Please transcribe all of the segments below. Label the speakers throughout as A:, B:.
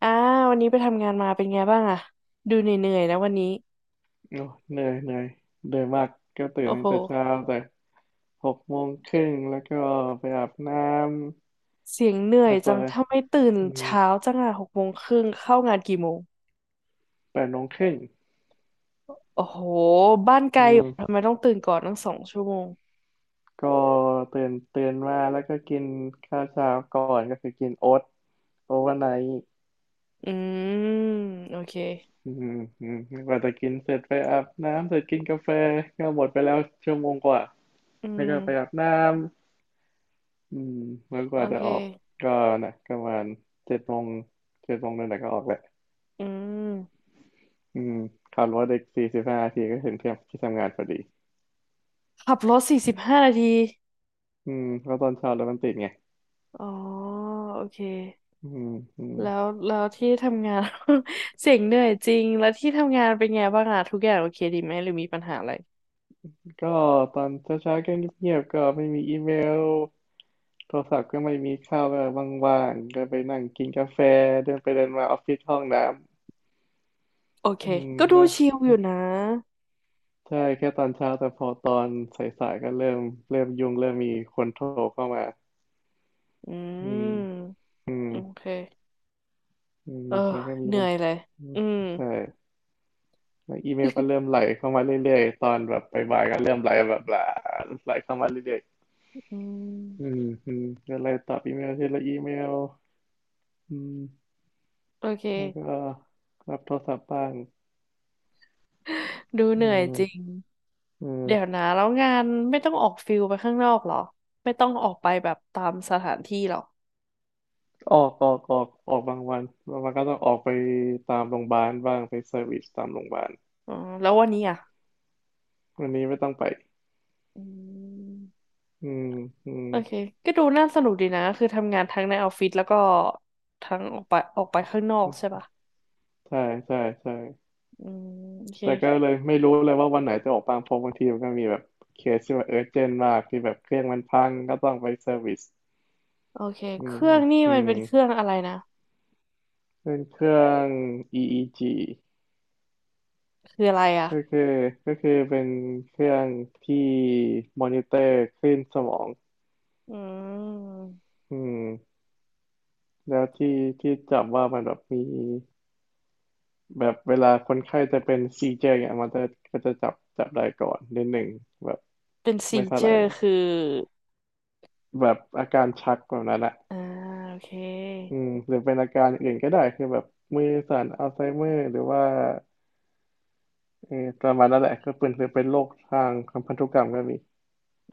A: อ่าวันนี้ไปทำงานมาเป็นไงบ้างอะดูเหนื่อยๆนะวันนี้
B: โอ้เหนื่อยเหนื่อยเหนื่อยมากก็ตื่
A: โอ้
B: นตั้
A: โห
B: งแต่เช้าแต่หกโมงครึ่งแล้วก็ไปอาบน้
A: เสียงเห
B: ำ
A: นื่อย
B: แล้วก็
A: จังถ้าไม่ตื่น
B: อืม
A: เช้าจังอะ6 โมงครึ่งเข้างานกี่โมง
B: แปดโมงครึ่ง
A: โอ้โหบ้านไกล
B: อื
A: อยู่
B: ม
A: ทำไมต้องตื่นก่อนตั้ง2 ชั่วโมง
B: ก็ตื่นมาแล้วก็กินข้าวเช้าก่อนก็คือกินโอ๊ตโอเวอร์ไนท์
A: อืมโอเค
B: อืมอืมกว่าจะกินเสร็จไปอาบน้ำเสร็จกินกาแฟก็หมดไปแล้วชั่วโมงกว่า
A: อื
B: แล้วก็ไปอา
A: ม
B: บน้ำแล้วก
A: โอ
B: ว่าจะ
A: เค
B: ออกก็นะประมาณเจ็ดโมงเจ็ดโมงนั่นแหละก็ออกแหละ
A: อืม
B: อืมขับรถอีกสี่สิบห้านาทีก็ถึงที่ที่ทำงานพอดี
A: ขับรถ45 นาที
B: อืมก็ตอนเช้ารถมันติดไง
A: อ๋อโอเค
B: อืมอืม
A: แล้วที่ทำงาน เสียงเหนื่อยจริงแล้วที่ทำงานเป็นไงบ้างอะทุกอย่างโอเคดีไหมหรือมีปัญหาอะไร
B: ก็ตอนเช้าเช้าก็เงียบๆก็ไม่มีอีเมล โทรศัพท์ก็ไม่มีข้าวแบบว่างๆก็ไปนั่งกินกาแฟเดินไปเดินมาออฟฟิศห้องน้
A: โอเค
B: ำอืม
A: ก็ดู
B: นะ
A: ชิลอยู่นะ
B: ใช่แค่ตอนเช้าแต่พอตอนสายๆก็เริ่มยุ่งเริ่มมีคนโทรเข้ามา
A: อื
B: อืม
A: ม
B: อืม
A: โอเค
B: อืม
A: เออ
B: แล้วก็มี
A: เหนื่
B: มั
A: อ
B: น
A: ยเลย
B: อืม
A: อืม
B: ใช่ แล้วอีเมลก็เริ่มไหลเข้ามาเรื่อยๆตอนแบบบ่ายๆก็เริ่มไหลแบบไหลาไหลเข้ามาเรื่อย
A: อื
B: ๆอื
A: ม
B: มอืมก็เลยตอบอีเมลทีละอีเมลอืม
A: โอเ
B: แล้วก็
A: ค
B: รับโทรศัพท์บ้าง
A: ดู
B: อื
A: เหนื่อยจริง
B: มอืม
A: เดี๋ยวนะแล้วงานไม่ต้องออกฟิลไปข้างนอกเหรอไม่ต้องออกไปแบบตามสถานที่เหรอ
B: ออกบางวันบางวันก็ต้องออกไปตามโรงพยาบาลบ้างไปเซอร์วิสตามโรงพยาบาล
A: อ๋อแล้ววันนี้อ่ะ
B: วันนี้ไม่ต้องไป
A: อืม
B: อืมอืม
A: โอเคก็ดูน่าสนุกดีนะคือทำงานทั้งในออฟฟิศแล้วก็ทั้งออกไปข้างนอกใช่ปะ
B: ใช่ใช่ใช่
A: อืมโอเค
B: แต่ก็เลยไม่รู้เลยว่าวันไหนจะออกบ้างเพราะบางทีมันก็มีแบบเคสที่ว่าเออเจนมากที่แบบเครื่องมันพังก็ต้องไปเซอร์วิส
A: โอเค
B: อื
A: เค
B: ม
A: รื่องนี่
B: อื
A: มัน
B: ม
A: เป็นเครื่องอะไรนะ
B: เป็นเครื่อง EEG
A: คืออะไรอ่ะ
B: ก็คือก็คือเป็นเครื่องที่มอนิเตอร์คลื่นสมอง
A: อืม
B: อืมแล้วที่ที่จับว่ามันแบบมีแบบเวลาคนไข้จะเป็นซีเจเนี่ยมันจะก็จะจับได้ก่อนนิดหนึ่งแบบ
A: เป็นซี
B: ไม่เท่า
A: เจ
B: ไหร่
A: อ
B: ห
A: ร์
B: รอก
A: คือ
B: แบบอาการชักแบบนั้นอะ
A: อ่าโอเค
B: อืมหรือเป็นอาการอื่นก็ได้คือแบบมือสั่นอัลไซเมอร์หรือว่าเออประมาณนั้นแหละก็เป็นคือเป็นโรคทางพันธุกรรมก็มี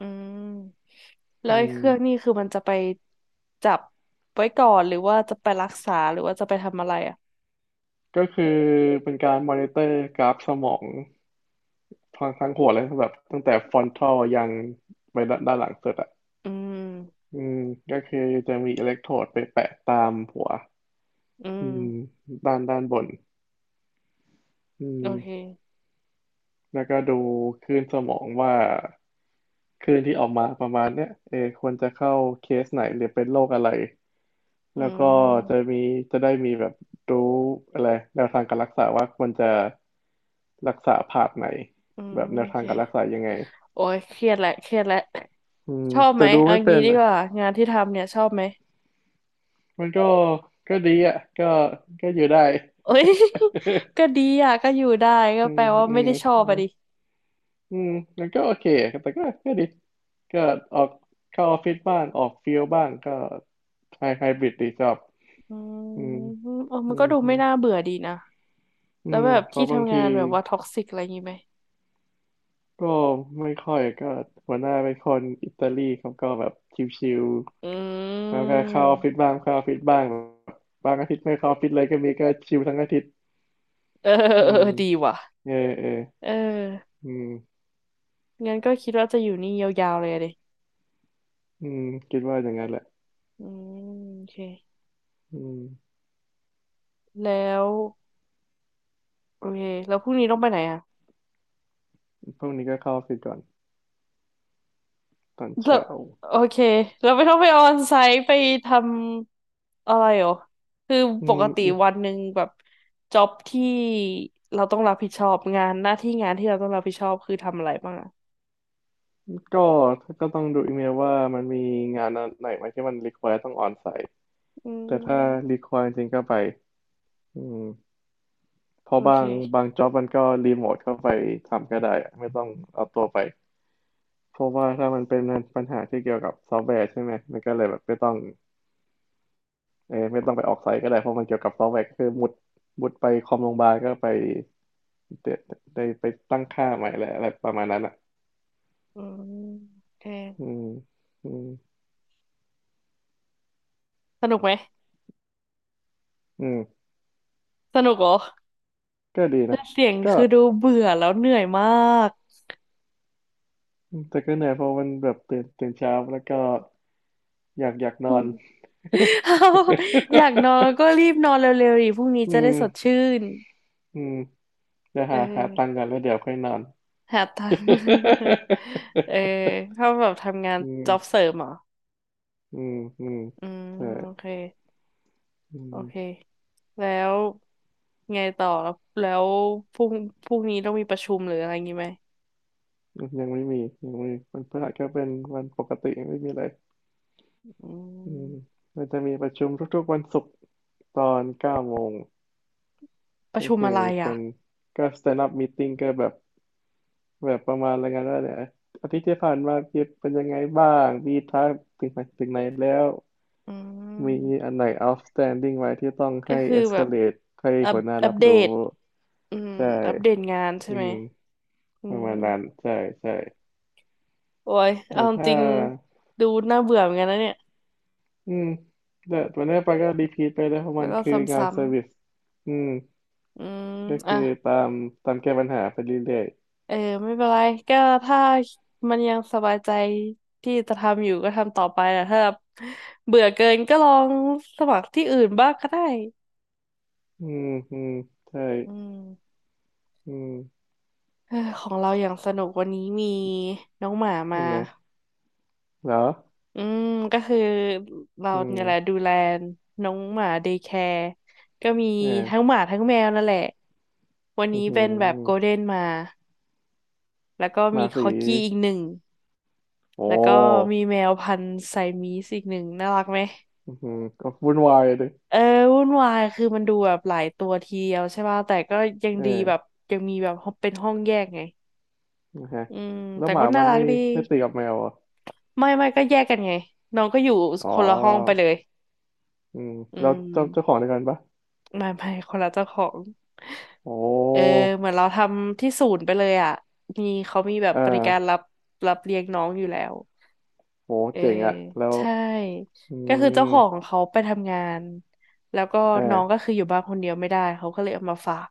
A: อืมแล้
B: อื
A: วไอ้
B: ม
A: เครื่องนี่คือมันจะไปจับไว้ก่อนหรือว่าจะไปรักษาหรือว่าจะไปทำอะไรอ่ะ
B: ก็คือเป็นการมอนิเตอร์กราฟสมองทั้งหัวเลยแบบตั้งแต่ฟรอนทัลยังไปด้านหลังสุดอ่ะ
A: อืม
B: อืมก็คือจะมีอิเล็กโทรดไปแปะตามหัว
A: อืม
B: อืมด้านบนอื
A: โอเค
B: มแล้วก็ดูคลื่นสมองว่าคลื่นที่ออกมาประมาณเนี้ยเออควรจะเข้าเคสไหนหรือเป็นโรคอะไร
A: อื
B: แล้วก็จะ
A: ม
B: มีจะได้มีแบบรู้อะไรแนวทางการรักษาว่าควรจะรักษาผ่าไหน
A: อื
B: แบ
A: ม
B: บแน
A: โอ
B: วทา
A: เค
B: งการรักษายังไง
A: โอ้ยเครียดแหละเครียดแหละ
B: อืม
A: ชอบไห
B: แต่
A: ม
B: ดู
A: เอา
B: ไม่เป็
A: งี้
B: น
A: ดี
B: อ่ะ
A: กว่างานที่ทำเนี่ยชอบไหม
B: มันก็ก็ดีอ่ะก็ก็อยู่ได้
A: โอ้ย ก็ดีอ่ะก็อยู่ได้ก็
B: อื
A: แป
B: ม
A: ลว่า
B: อื
A: ไม่
B: ม
A: ได้ชอ
B: อื
A: บอะ
B: ม
A: ดิ
B: อืมมันก็โอเคแต่ก็ก็ดีก็ออกเข้าออฟฟิศบ้างออกฟิลบ้างก็ไฮไฮบริดดีชอบ
A: อื
B: อืม
A: มเออ
B: อื
A: มันก็
B: ม
A: ดู
B: อื
A: ไม่
B: ม
A: น่าเบื่อดีนะ
B: อื
A: แล้ว
B: ม
A: แบบ
B: เพ
A: ที่
B: ราะบาง
A: ทำ
B: ที
A: งานแบบว่าท็อกซิกอะไรอย่างงี้ไหม
B: ก็ไม่ค่อยก็หัวหน้าเป็นคนอิตาลีเขาก็แบบชิว
A: อื
B: ๆเขาก็เข้าออฟฟิศ
A: ม
B: บ้างเข้าออฟฟิศบ้างบางอาทิตย์ไม่เข้าออฟฟิศเลยก็มีก็ชิวทั้งอาทิตย์
A: เออ เออ
B: อื
A: เอ
B: ม
A: อดีว่ะ
B: เออเออ
A: เออ
B: อืม
A: งั้นก็คิดว่าจะอยู่นี่ยาวๆเลยอะดิ
B: อืมคิดว่าอย่างนั้นแหละ
A: อืมโอเค
B: อืม
A: แล้วโอเคแล้วพรุ่งนี้ต้องไปไหนอ่ะ
B: พรุ่งนี้ก็เข้าออฟฟิศก่อนตอน
A: แล้ว
B: เช้า
A: โอเคเราไม่ต้องไปออนไซต์ไปทำอะไรหรอคือ
B: อื
A: ป
B: ม
A: กติ
B: อืม
A: วันหนึ่งแบบจ็อบที่เราต้องรับผิดชอบงานหน้าที่งานที่เราต้องรับผิดชอบคือทำอะไรบ้างอ่ะ
B: ก็ก็ต้องดูอีเมลว่ามันมีงานไหนไหมที่มันรีคว i r e ต้องออนไซต์
A: อื
B: แต่ถ้ารี
A: ม
B: คว i r e จริงๆก็ไปอืมเพราะ
A: โอ
B: บา
A: เค
B: งบางจ็อบมันก็รีโมทเข้าไปทำก็ได้อะไม่ต้องเอาตัวไปเพราะว่าถ้ามันเป็นปัญหาที่เกี่ยวกับซอฟต์แวร์ใช่ไหมมันก็เลยแบบไม่ต้องเออไม่ต้องไปออกไซต์ก็ได้เพราะมันเกี่ยวกับซอฟต์แวร์ก็คือมุดไปคอมโรงพยาบาลก็ไป เดี๋ยวได้ไปตั้งค่าใหม่แหละอะไรประมาณนั้นอ่ะ
A: อืมโอเค
B: อืมอืม
A: สนุกไหม
B: อืม
A: สนุกเหรอ
B: ก็ดี
A: แต่
B: นะ
A: เสียง
B: ก็
A: คือดูเบื่อแล้วเหนื่อยมาก
B: แต่ก็เหนื่อยเพราะมันแบบตื่นเช้าแล้วก็อยากนอน
A: เอาอยากนอนก็รีบนอนเร็วๆดิพรุ่งนี้
B: อื
A: จะได้
B: ม
A: สดชื่น
B: อืมเะ
A: เอ
B: หาตังค์
A: อ
B: กันแล้วเดี๋ยวค่อยนอน
A: หาตังค์ เออถ้าแบบ ทำงาน
B: อืม
A: จ็อบเสริมเหรอ
B: อืมอืม
A: อืม
B: แต่
A: โอเค
B: อื
A: โอเค
B: ม
A: แล้วไงต่อแล้วแล้วพรุ่งพรุ่งนี้ต้องมีประชุมหรืออะไรงี้ไหม
B: ยังไม่มียังไม่มีวันพฤหัสก็เป็นวันปกติไม่มีอะไร
A: อื
B: อืม
A: ม
B: มันจะมีประชุมทุกๆวันศุกร์ตอนเก้าโมง
A: ประ
B: ก็
A: ชุม
B: คื
A: อะ
B: อ
A: ไรอ่ะ
B: เป็นก็ stand up meeting ก็แบบแบบประมาณอะไรายกันว่าเนี่ยอาทิตย์ที่ผ่านมาพี่เป็นยังไงบ้างมีทักถึงไหนถึงไหนแล้ว
A: อื
B: มี
A: ม
B: อันไหน outstanding ไว้ที่ต้อง
A: ก็
B: ให้
A: คือแบบ
B: escalate ให้
A: อัป
B: หัวหน้า
A: อัป
B: รับ
A: เด
B: รู้
A: ตอืม
B: ใช่
A: อัปเดตงานใช่
B: อื
A: ไหม
B: ม
A: อื
B: ประ
A: ม
B: มาณนั้นใช่ใช่
A: โอ้ยเอา
B: แต่
A: จ
B: ถ้า
A: ริงดูน่าเบื่อเหมือนกันนะเนี่ย
B: อืมแต่วันนี้ไปก็รีพีทไปเลยเพราะ
A: แล้
B: มั
A: ว
B: น
A: ก็
B: คืองานเซ
A: ซ้ำ
B: อร์วิสอืม
A: ๆอืม
B: ก็
A: อ่ะ
B: คือตามตามแก้ปัญหาไปเรื่อย
A: เออไม่เป็นไรก็ถ้ามันยังสบายใจที่จะทำอยู่ก็ทำต่อไปนะถ้าแบบเบื่อเกินก็ลองสมัครที่อื่นบ้างก็ได้
B: ๆอืมอืมใช่
A: อืม
B: อืม
A: เออของเราอย่างสนุกวันนี้มีน้องหมามา
B: เป็นไงเหรอ
A: อืมก็คือเรา
B: อื
A: เนี่ยแหละ
B: ม
A: ดูแลน้องหมาเดย์แคร์ก็มี
B: เออ
A: ทั้งหมาทั้งแมวนั่นแหละวัน
B: อือ
A: นี้
B: หื
A: เป็นแบบโกล
B: อ
A: เด้นมาแล้วก็
B: มา
A: มีค
B: สี
A: อกี้อีกหนึ่ง
B: โอ
A: แล้วก็
B: ้
A: มีแมวพันธุ์ไซมีสอีกหนึ่งน่ารักไหม
B: อือหือก็วุ่นวายเลย
A: เออวุ่นวายคือมันดูแบบหลายตัวทีเดียวใช่ป่ะแต่ก็ยัง
B: เอ
A: ดีแบบ
B: อ
A: ยังมีแบบเป็นห้องแยกไง
B: นะฮะ
A: อืม
B: แล้ว
A: แต่
B: ห
A: ก็
B: มา
A: น่า
B: มัน
A: รักดี
B: ไม่ตีกับแมวอ่ะ
A: ไม่ก็แยกกันไงน้องก็อยู่
B: อ๋อ
A: คนละห้องไปเลย
B: อืม
A: อื
B: แล้ว
A: ม
B: เจ้าเจ้าของเดียวกันปะ
A: ไม่คนละเจ้าของ
B: โอ้
A: เออเหมือนเราทำที่ศูนย์ไปเลยอ่ะมีเขามีแบบ
B: อ่
A: บริการ
B: า
A: รับเลี้ยงน้องอยู่แล้ว
B: โห
A: เออ
B: เจ๋งอ่ะแล้ว
A: ใช่
B: อื
A: ก็คือเจ้า
B: ม
A: ของเขาไปทำงานแล้วก็
B: อ่
A: น้องก็
B: า
A: คืออยู่บ้านคนเดียวไม่ได้เขาก็เลยเอามาฝาก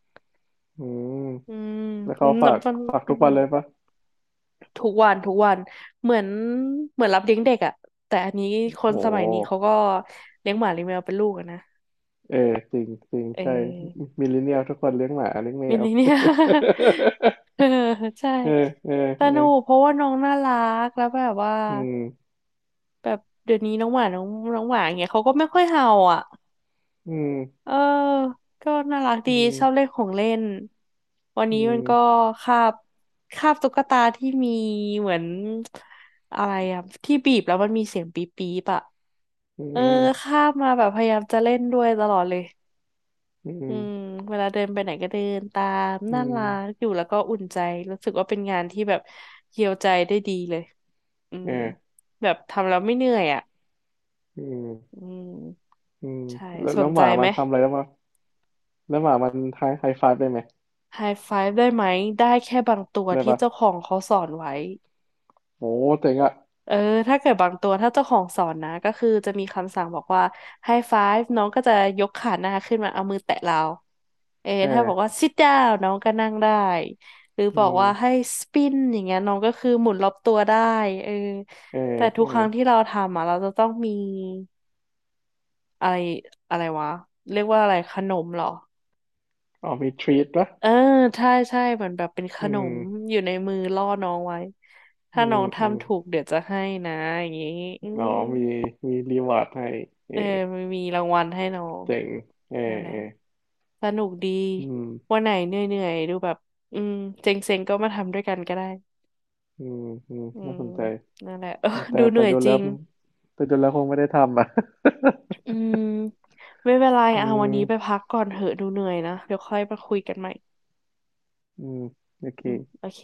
B: อืม
A: อืม
B: แล้วเขา
A: นั
B: ฝา
A: บ
B: ก
A: มัน
B: ฝาก
A: อื
B: ทุก
A: ม
B: วันเลยปะ
A: ทุกวันทุกวันเหมือนเหมือนรับเลี้ยงเด็กอ่ะแต่อันนี้ค
B: โ
A: นสมัยนี้เขา
B: ห
A: ก็เลี้ยงหมาเลี้ยงแมวเป็นลูกอะนะ
B: เออจริงจริง
A: เอ
B: ใช่
A: อ
B: มิลเลนเนียลทุกคนเลี้ยงหมาเลี้ยงแม
A: มิ
B: ว
A: นิเนี่ย เออใช่
B: เออเออ
A: ส
B: เออ
A: นุกเพราะว่าน้องน่ารักแล้วแบบว่า
B: อืม
A: แบบเดี๋ยวนี้น้องหมาน้องน้องหมาอย่างเงี้ยเขาก็ไม่ค่อยเห่าอ่ะ
B: อืม
A: เออก็น่ารัก
B: อื
A: ดี
B: ม
A: ชอบเล่นของเล่นวัน
B: อื
A: นี้มันก็
B: ม
A: คาบคาบตุ๊กตาที่มีเหมือนอะไรอ่ะที่บีบแล้วมันมีเสียงปี๊บปี๊บอ่ะ
B: อื
A: เออ
B: ม
A: คาบมาแบบพยายามจะเล่นด้วยตลอดเลย
B: อื
A: อื
B: ม
A: มเวลาเดินไปไหนก็เดินตาม
B: อื
A: น่า
B: ม
A: รักอยู่แล้วก็อุ่นใจรู้สึกว่าเป็นงานที่แบบเยียวใจได้ดีเลยอื
B: เอ
A: ม
B: อ
A: แบบทำแล้วไม่เหนื่อยอ่ะ
B: อืม
A: อืม
B: อืม
A: ใช่
B: แล้ว
A: ส
B: แล้
A: น
B: วห
A: ใจ
B: มา
A: ไห
B: มั
A: ม
B: นทำอะไรแล้วมาแล้วหมามันไฮไฮไฟว์ได้ไหม
A: ไฮไฟว์ได้ไหมได้แค่บางตัว
B: ได้
A: ที่
B: ปะ
A: เจ้าของเขาสอนไว้
B: โอ้เจ๋งอ่ะ
A: เออถ้าเกิดบางตัวถ้าเจ้าของสอนนะ ก็คือจะมีคำสั่งบอกว่า High five น้องก็จะยกขาหน้าขึ้นมา เอามือแตะเราเออ
B: เอ
A: ถ้าบอก
B: อ
A: ว่า sit down น้องก็นั่งได้ หรือ
B: อื
A: บอก
B: ม
A: ว่าให้ spin อย่างเงี้ยน้องก็คือหมุนรอบตัวได้เออ
B: เออ
A: แต่ทุ
B: เอ
A: ก
B: อ
A: ครั้งที่เราทำอ่ะเราจะต้องมีอะไรอะไรวะเรียกว่าอะไรขนมเหรอ
B: อ๋อมีทรีตปะ
A: เออใช่ใช่เหมือนแบบเป็นข
B: อื
A: น
B: ม
A: มอยู่ในมือล่อน้องไว้
B: อื
A: ถ้าน้อง
B: มอืม
A: ทำถูกเดี๋ยวจะให้นะอย่างงี้อื
B: อ๋อ
A: ม
B: มีรีวอร์ดให้เอ
A: เอ
B: อ
A: อมันมีรางวัลให้น้อง
B: เจ๋งเออ
A: นั่นแหละ
B: เออ
A: สนุกดี
B: อืม
A: วันไหนเหนื่อยๆดูแบบอืมเซ็งๆก็มาทำด้วยกันก็ได้
B: อืมอืม
A: อื
B: น่า
A: ม
B: สนใจ
A: นั่นแหละเออ
B: แต่
A: ดูเห
B: แต่
A: นื่อย
B: ดู
A: จ
B: แล้
A: ริ
B: ว
A: ง
B: แต่ดูแล้วคงไม่ได้ทำอ่ะ
A: อืมไม่เป็นไร
B: อื
A: อ่ะวันนี้ไป
B: ม
A: พักก่อนเหอะดูเหนื่อยนะเดี๋ยวค่อยมาคุยกันใหม่
B: อืมโอเค
A: อืมโอเค